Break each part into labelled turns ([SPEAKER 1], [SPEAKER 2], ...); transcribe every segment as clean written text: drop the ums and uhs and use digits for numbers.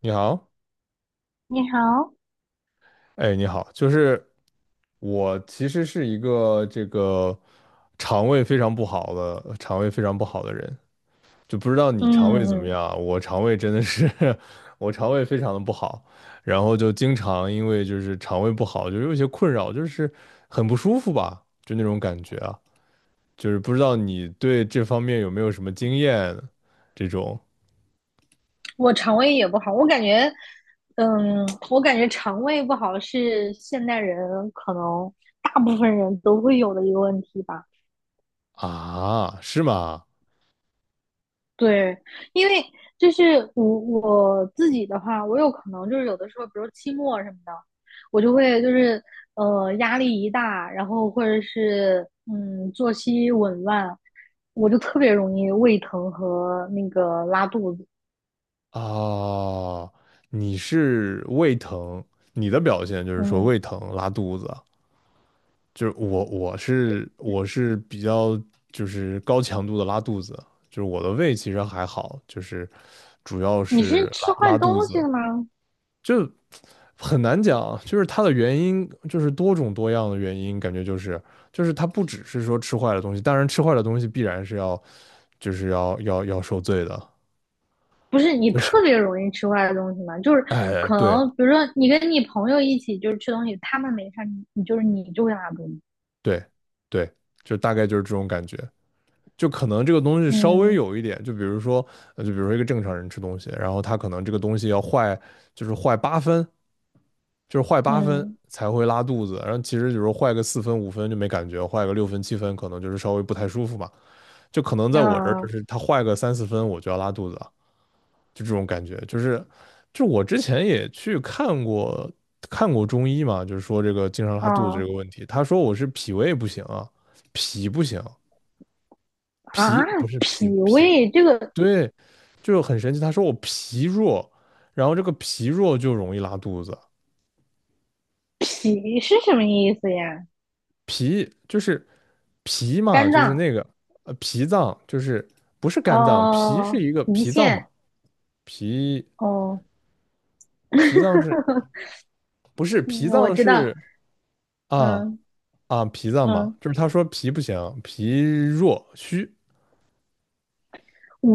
[SPEAKER 1] 你好，
[SPEAKER 2] 你好，
[SPEAKER 1] 哎，你好，就是我其实是一个这个肠胃非常不好的，人，就不知道你肠胃
[SPEAKER 2] 嗯
[SPEAKER 1] 怎么
[SPEAKER 2] 嗯，
[SPEAKER 1] 样啊我肠胃真的是，我肠胃非常的不好，然后就经常因为就是肠胃不好，就有一些困扰，就是很不舒服吧，就那种感觉啊，就是不知道你对这方面有没有什么经验，这种
[SPEAKER 2] 我肠胃也不好，我感觉，嗯，我感觉肠胃不好是现代人可能大部分人都会有的一个问题吧。
[SPEAKER 1] 啊，是吗？
[SPEAKER 2] 对，因为就是我自己的话，我有可能就是有的时候，比如期末什么的，我就会就是压力一大，然后或者是作息紊乱，我就特别容易胃疼和那个拉肚子。
[SPEAKER 1] 啊，你是胃疼，你的表现就是说
[SPEAKER 2] 嗯，
[SPEAKER 1] 胃疼、拉肚子，就是我是比较就是高强度的拉肚子，就是我的胃其实还好，就是主要
[SPEAKER 2] 你
[SPEAKER 1] 是
[SPEAKER 2] 是吃
[SPEAKER 1] 拉
[SPEAKER 2] 坏
[SPEAKER 1] 拉肚
[SPEAKER 2] 东西
[SPEAKER 1] 子，
[SPEAKER 2] 了吗？
[SPEAKER 1] 就很难讲，就是它的原因就是多种多样的原因，感觉就是它不只是说吃坏了东西，当然吃坏了东西必然是要就是要受罪的，
[SPEAKER 2] 不是你
[SPEAKER 1] 就是
[SPEAKER 2] 特别容易吃坏的东西吗？就是
[SPEAKER 1] 哎
[SPEAKER 2] 可
[SPEAKER 1] 对。
[SPEAKER 2] 能，比如说你跟你朋友一起就是吃东西，他们没事儿你就会拉肚子。
[SPEAKER 1] 对,对，就大概就是这种感觉。就可能这个东西稍微
[SPEAKER 2] 嗯。
[SPEAKER 1] 有一点，就比如说，就比如说一个正常人吃东西，然后他可能这个东西要坏，就是坏八分，就是坏八分
[SPEAKER 2] 嗯。
[SPEAKER 1] 才会拉肚子。然后其实比如坏个四分五分就没感觉，坏个六分七分可能就是稍微不太舒服嘛。就可能在我这儿，就
[SPEAKER 2] 嗯。
[SPEAKER 1] 是他坏个三四分我就要拉肚子了。就这种感觉，就是就我之前也去看过看过中医嘛，就是说这个经常拉肚子这
[SPEAKER 2] 哦。
[SPEAKER 1] 个问题，他说我是脾胃不行啊，脾不行，脾
[SPEAKER 2] 啊！
[SPEAKER 1] 不是
[SPEAKER 2] 脾
[SPEAKER 1] 脾，
[SPEAKER 2] 胃这个
[SPEAKER 1] 对，就很神奇，他说我脾弱，然后这个脾弱就容易拉肚子，
[SPEAKER 2] 脾是什么意思呀？
[SPEAKER 1] 就是脾嘛，
[SPEAKER 2] 肝
[SPEAKER 1] 就是
[SPEAKER 2] 脏。
[SPEAKER 1] 那个脾脏，就是不是肝脏，脾是
[SPEAKER 2] 哦，
[SPEAKER 1] 一个
[SPEAKER 2] 胰
[SPEAKER 1] 脾脏嘛，
[SPEAKER 2] 腺。哦，
[SPEAKER 1] 脾脏是 不是脾
[SPEAKER 2] 嗯我
[SPEAKER 1] 脏
[SPEAKER 2] 知道，
[SPEAKER 1] 是啊？
[SPEAKER 2] 嗯。
[SPEAKER 1] 啊，脾脏嘛，
[SPEAKER 2] 嗯。
[SPEAKER 1] 就是他说脾不行，脾弱虚，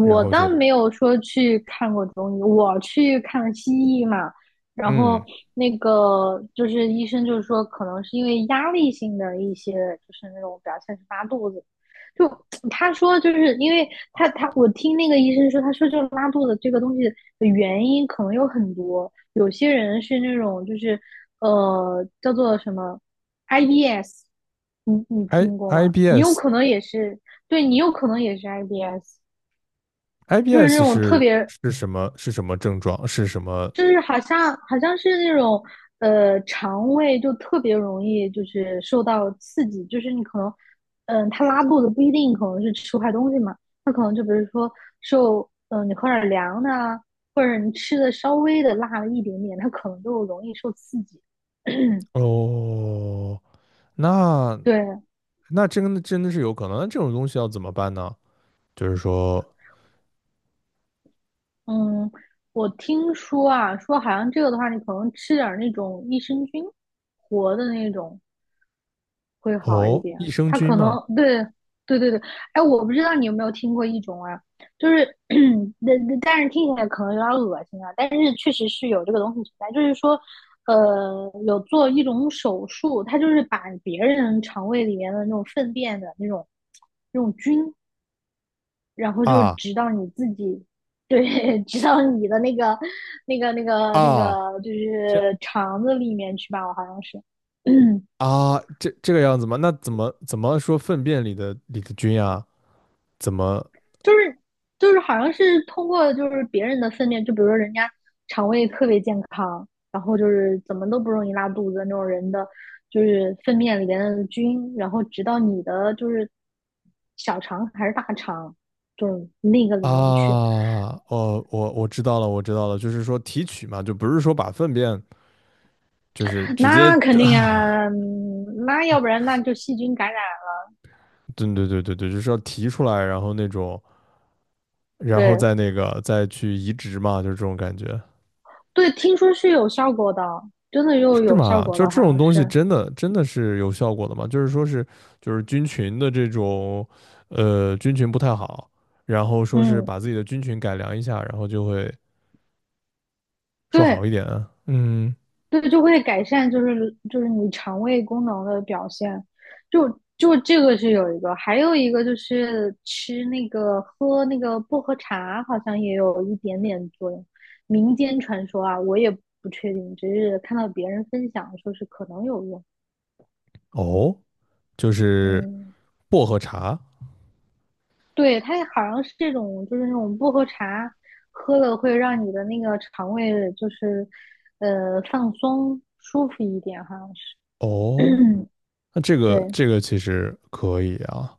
[SPEAKER 1] 然后就
[SPEAKER 2] 倒没有说去看过中医，我去看西医嘛。然后
[SPEAKER 1] 嗯，
[SPEAKER 2] 那个就是医生就是说，可能是因为压力性的一些，就是那种表现是拉肚子。就 他说，就是因为他我听那个医生说，他说就拉肚子这个东西的原因可能有很多，有些人是那种就是叫做什么 IBS，你你听过吗？你有
[SPEAKER 1] IBS。
[SPEAKER 2] 可能也是，对你有可能也是 IBS。就是那
[SPEAKER 1] IBS
[SPEAKER 2] 种特
[SPEAKER 1] 是
[SPEAKER 2] 别，
[SPEAKER 1] 什么症状是什么？
[SPEAKER 2] 就是好像是那种肠胃就特别容易就是受到刺激，就是你可能它拉肚子不一定可能是吃坏东西嘛，就是说受你喝点凉的啊，或者你吃的稍微的辣了一点点，它可能就容易受刺激。
[SPEAKER 1] 哦，那
[SPEAKER 2] 对，
[SPEAKER 1] 那真的是有可能，那这种东西要怎么办呢？就是说，
[SPEAKER 2] 嗯，我听说啊，说好像这个的话，你可能吃点儿那种益生菌活的那种，会好一
[SPEAKER 1] 哦，
[SPEAKER 2] 点。
[SPEAKER 1] 益生
[SPEAKER 2] 他
[SPEAKER 1] 菌
[SPEAKER 2] 可能
[SPEAKER 1] 嘛，
[SPEAKER 2] 对。对对对，哎，我不知道你有没有听过一种啊，就是 但是听起来可能有点恶心啊，但是确实是有这个东西存在，就是说，有做一种手术，它就是把别人肠胃里面的那种粪便的那种菌，然后就
[SPEAKER 1] 啊
[SPEAKER 2] 直到你自己。对，直到你的那个、那个、那个、那
[SPEAKER 1] 啊，
[SPEAKER 2] 个，就
[SPEAKER 1] 这
[SPEAKER 2] 是肠子里面去吧，我好像是。
[SPEAKER 1] 啊这这个样子吗？那怎么说粪便里的菌啊？怎么
[SPEAKER 2] 就是好像是通过就是别人的粪便，就比如说人家肠胃特别健康，然后就是怎么都不容易拉肚子那种人的，就是粪便里边的菌，然后直到你的就是小肠还是大肠，就是那个里面去，
[SPEAKER 1] 啊，哦，我知道了，我知道了，就是说提取嘛，就不是说把粪便就是直接，
[SPEAKER 2] 那肯定 啊，嗯那要不然那就细菌感染了。
[SPEAKER 1] 对,对,对,对,对，就是要提出来，然后那种，然后
[SPEAKER 2] 对
[SPEAKER 1] 再那个再去移植嘛，就是这种感觉，
[SPEAKER 2] 对，听说是有效果的，真的又
[SPEAKER 1] 是
[SPEAKER 2] 有效
[SPEAKER 1] 吗？
[SPEAKER 2] 果
[SPEAKER 1] 就是
[SPEAKER 2] 的，
[SPEAKER 1] 这
[SPEAKER 2] 好
[SPEAKER 1] 种
[SPEAKER 2] 像
[SPEAKER 1] 东西
[SPEAKER 2] 是，
[SPEAKER 1] 真的是有效果的吗？就是说是就是菌群的这种，呃，菌群不太好，然后说是
[SPEAKER 2] 嗯，
[SPEAKER 1] 把自己的菌群改良一下，然后就会说好
[SPEAKER 2] 对。
[SPEAKER 1] 一点。嗯，
[SPEAKER 2] 对，就会改善，就是就是你肠胃功能的表现，就就这个是有一个，还有一个就是吃那个喝那个薄荷茶，好像也有一点点作用。民间传说啊，我也不确定，只是看到别人分享说是可能有用。
[SPEAKER 1] 哦，就是
[SPEAKER 2] 嗯，
[SPEAKER 1] 薄荷茶，
[SPEAKER 2] 对，它好像是这种，就是那种薄荷茶，喝了会让你的那个肠胃就是放松舒服一点，好像是。
[SPEAKER 1] 哦。那这 个
[SPEAKER 2] 对。
[SPEAKER 1] 这个其实可以啊，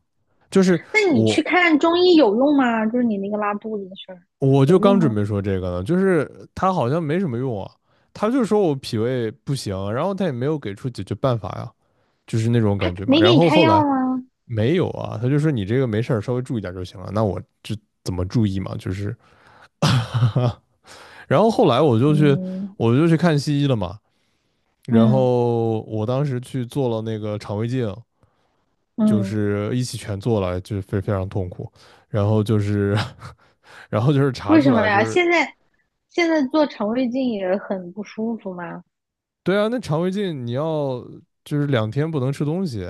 [SPEAKER 1] 就是
[SPEAKER 2] 那你去
[SPEAKER 1] 我
[SPEAKER 2] 看中医有用吗？就是你那个拉肚子的事儿
[SPEAKER 1] 我就
[SPEAKER 2] 有用
[SPEAKER 1] 刚准
[SPEAKER 2] 吗？
[SPEAKER 1] 备说这个呢，就是他好像没什么用啊，他就说我脾胃不行，然后他也没有给出解决办法呀，就是那种感
[SPEAKER 2] 他
[SPEAKER 1] 觉嘛。
[SPEAKER 2] 没给
[SPEAKER 1] 然
[SPEAKER 2] 你
[SPEAKER 1] 后
[SPEAKER 2] 开
[SPEAKER 1] 后
[SPEAKER 2] 药
[SPEAKER 1] 来
[SPEAKER 2] 吗？
[SPEAKER 1] 没有啊，他就说你这个没事儿，稍微注意点就行了。那我就怎么注意嘛？就是 然后后来我就去
[SPEAKER 2] 嗯。
[SPEAKER 1] 我就去看西医了嘛，然
[SPEAKER 2] 嗯。
[SPEAKER 1] 后我当时去做了那个肠胃镜，就
[SPEAKER 2] 嗯，
[SPEAKER 1] 是一起全做了，就是非常痛苦。然后就是然后就是查
[SPEAKER 2] 为什
[SPEAKER 1] 出
[SPEAKER 2] 么
[SPEAKER 1] 来就
[SPEAKER 2] 呀？
[SPEAKER 1] 是
[SPEAKER 2] 现在现在做肠胃镜也很不舒服吗？
[SPEAKER 1] 对啊，那肠胃镜你要就是两天不能吃东西，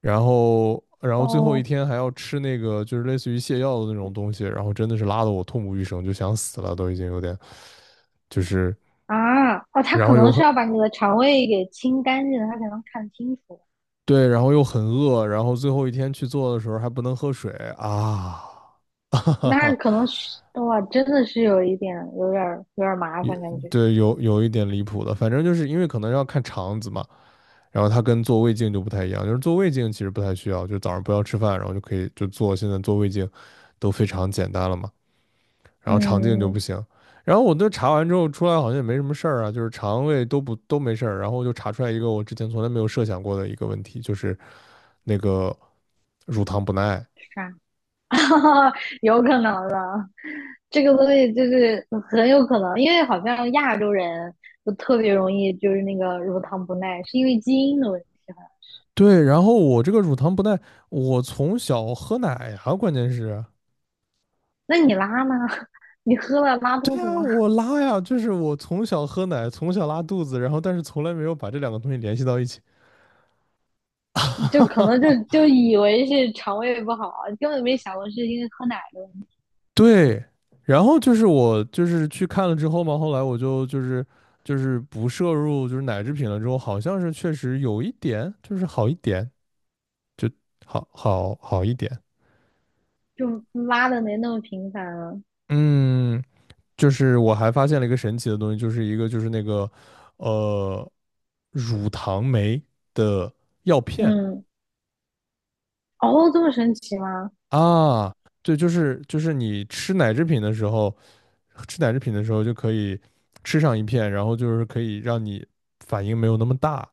[SPEAKER 1] 然后最后一
[SPEAKER 2] 哦。
[SPEAKER 1] 天还要吃那个就是类似于泻药的那种东西，然后真的是拉得我痛不欲生，就想死了，都已经有点就是，
[SPEAKER 2] 啊哦，他
[SPEAKER 1] 然
[SPEAKER 2] 可
[SPEAKER 1] 后又
[SPEAKER 2] 能是
[SPEAKER 1] 很
[SPEAKER 2] 要把你的肠胃给清干净，他才能看清楚。
[SPEAKER 1] 对，然后又很饿，然后最后一天去做的时候还不能喝水啊。哈哈
[SPEAKER 2] 那
[SPEAKER 1] 哈，
[SPEAKER 2] 可能是哇，真的是有一点，有点儿有点儿麻烦感觉。
[SPEAKER 1] 对，有一点离谱的，反正就是因为可能要看肠子嘛，然后它跟做胃镜就不太一样，就是做胃镜其实不太需要，就早上不要吃饭，然后就可以就做。现在做胃镜都非常简单了嘛，然后肠镜就不
[SPEAKER 2] 嗯，
[SPEAKER 1] 行。然后我都查完之后出来好像也没什么事儿啊，就是肠胃都没事儿。然后就查出来一个我之前从来没有设想过的一个问题，就是那个乳糖不耐。
[SPEAKER 2] 是啊，有可能，这个东西就是很有可能，因为好像亚洲人就特别容易就是那个乳糖不耐，是因为基因的问题。
[SPEAKER 1] 对，然后我这个乳糖不耐，我从小喝奶呀，关键是，
[SPEAKER 2] 那你拉呢？你喝了拉肚
[SPEAKER 1] 对
[SPEAKER 2] 子
[SPEAKER 1] 呀，
[SPEAKER 2] 吗？
[SPEAKER 1] 我拉呀，就是我从小喝奶，从小拉肚子，然后但是从来没有把这两个东西联系到一起。
[SPEAKER 2] 就可能就就以为是肠胃不好，根本没想过是因为喝奶的，
[SPEAKER 1] 对，然后就是我就是去看了之后嘛，后来我就是不摄入就是奶制品了之后，好像是确实有一点就是好一点，就好一点。
[SPEAKER 2] 就拉的没那么频繁了。
[SPEAKER 1] 嗯，就是我还发现了一个神奇的东西，就是一个就是那个呃乳糖酶的药片。
[SPEAKER 2] 嗯，哦，这么神奇吗？
[SPEAKER 1] 啊，对，就是你吃奶制品的时候，就可以吃上一片，然后就是可以让你反应没有那么大，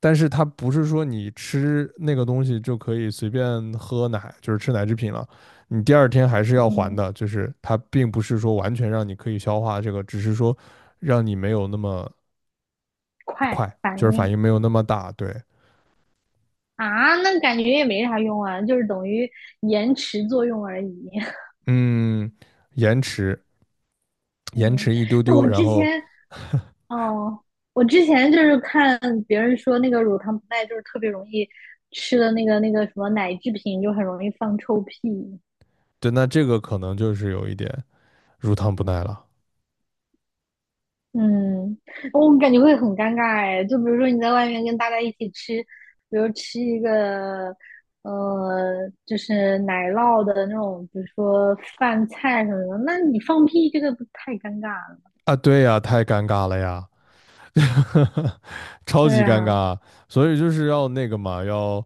[SPEAKER 1] 但是它不是说你吃那个东西就可以随便喝奶，就是吃奶制品了，你第二天还是要还
[SPEAKER 2] 嗯，
[SPEAKER 1] 的，就是它并不是说完全让你可以消化这个，只是说让你没有那么
[SPEAKER 2] 快
[SPEAKER 1] 快，就
[SPEAKER 2] 反
[SPEAKER 1] 是反
[SPEAKER 2] 应。
[SPEAKER 1] 应没有那么大，对，
[SPEAKER 2] 啊，那感觉也没啥用啊，就是等于延迟作用而已。
[SPEAKER 1] 嗯，延迟
[SPEAKER 2] 嗯，
[SPEAKER 1] 一丢
[SPEAKER 2] 那
[SPEAKER 1] 丢，
[SPEAKER 2] 我
[SPEAKER 1] 然
[SPEAKER 2] 之
[SPEAKER 1] 后
[SPEAKER 2] 前 哦，我之前就是看别人说那个乳糖不耐，就是特别容易吃的那个那个什么奶制品，就很容易放臭屁。
[SPEAKER 1] 对，那这个可能就是有一点乳糖不耐了
[SPEAKER 2] 嗯，哦我感觉会很尴尬哎。就比如说你在外面跟大家一起吃，比如吃一个就是奶酪的那种，比如说饭菜什么的，那你放屁这个不太尴尬了？
[SPEAKER 1] 啊。对呀，太尴尬了呀，超
[SPEAKER 2] 对
[SPEAKER 1] 级尴
[SPEAKER 2] 啊，
[SPEAKER 1] 尬。所以就是要那个嘛，要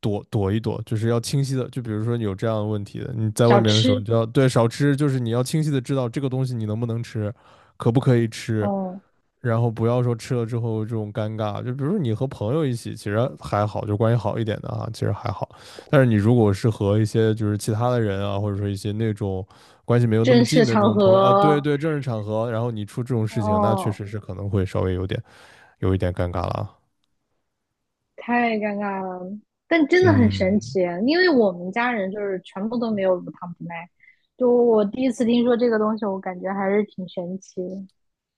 [SPEAKER 1] 躲一躲，就是要清晰的。就比如说你有这样的问题的，你在外
[SPEAKER 2] 少
[SPEAKER 1] 面的时候，
[SPEAKER 2] 吃。
[SPEAKER 1] 你就要对少吃，就是你要清晰的知道这个东西你能不能吃，可不可以吃，
[SPEAKER 2] 哦，
[SPEAKER 1] 然后不要说吃了之后这种尴尬，就比如说你和朋友一起，其实还好，就关系好一点的啊，其实还好。但是你如果是和一些就是其他的人啊，或者说一些那种关系没有那么
[SPEAKER 2] 正
[SPEAKER 1] 近
[SPEAKER 2] 式
[SPEAKER 1] 的这
[SPEAKER 2] 场
[SPEAKER 1] 种朋友啊，对
[SPEAKER 2] 合。
[SPEAKER 1] 对，正式场合，然后你出这种事情，那确
[SPEAKER 2] 哦。
[SPEAKER 1] 实是可能会稍微有点有一点尴尬了啊。
[SPEAKER 2] 太尴尬了，但真的很神
[SPEAKER 1] 嗯，
[SPEAKER 2] 奇，因为我们家人就是全部都没有乳糖不耐，就我第一次听说这个东西，我感觉还是挺神奇的。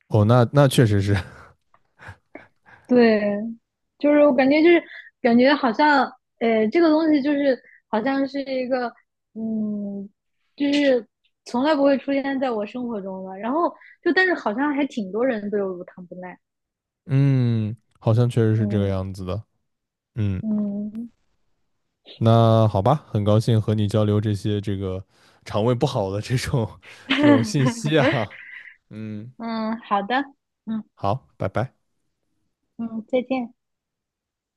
[SPEAKER 1] 哦，那那确实是，
[SPEAKER 2] 对，就是我感觉就是感觉好像，这个东西就是好像是一个，嗯，就是从来不会出现在我生活中的。然后就但是好像还挺多人都有乳糖不耐。
[SPEAKER 1] 嗯，好像确实是这个
[SPEAKER 2] 嗯。
[SPEAKER 1] 样子的。嗯。
[SPEAKER 2] 嗯
[SPEAKER 1] 那好吧，很高兴和你交流这些这个肠胃不好的这种 这种信 息啊。嗯，
[SPEAKER 2] 嗯，好的，嗯。
[SPEAKER 1] 好，拜拜。
[SPEAKER 2] 嗯，再见。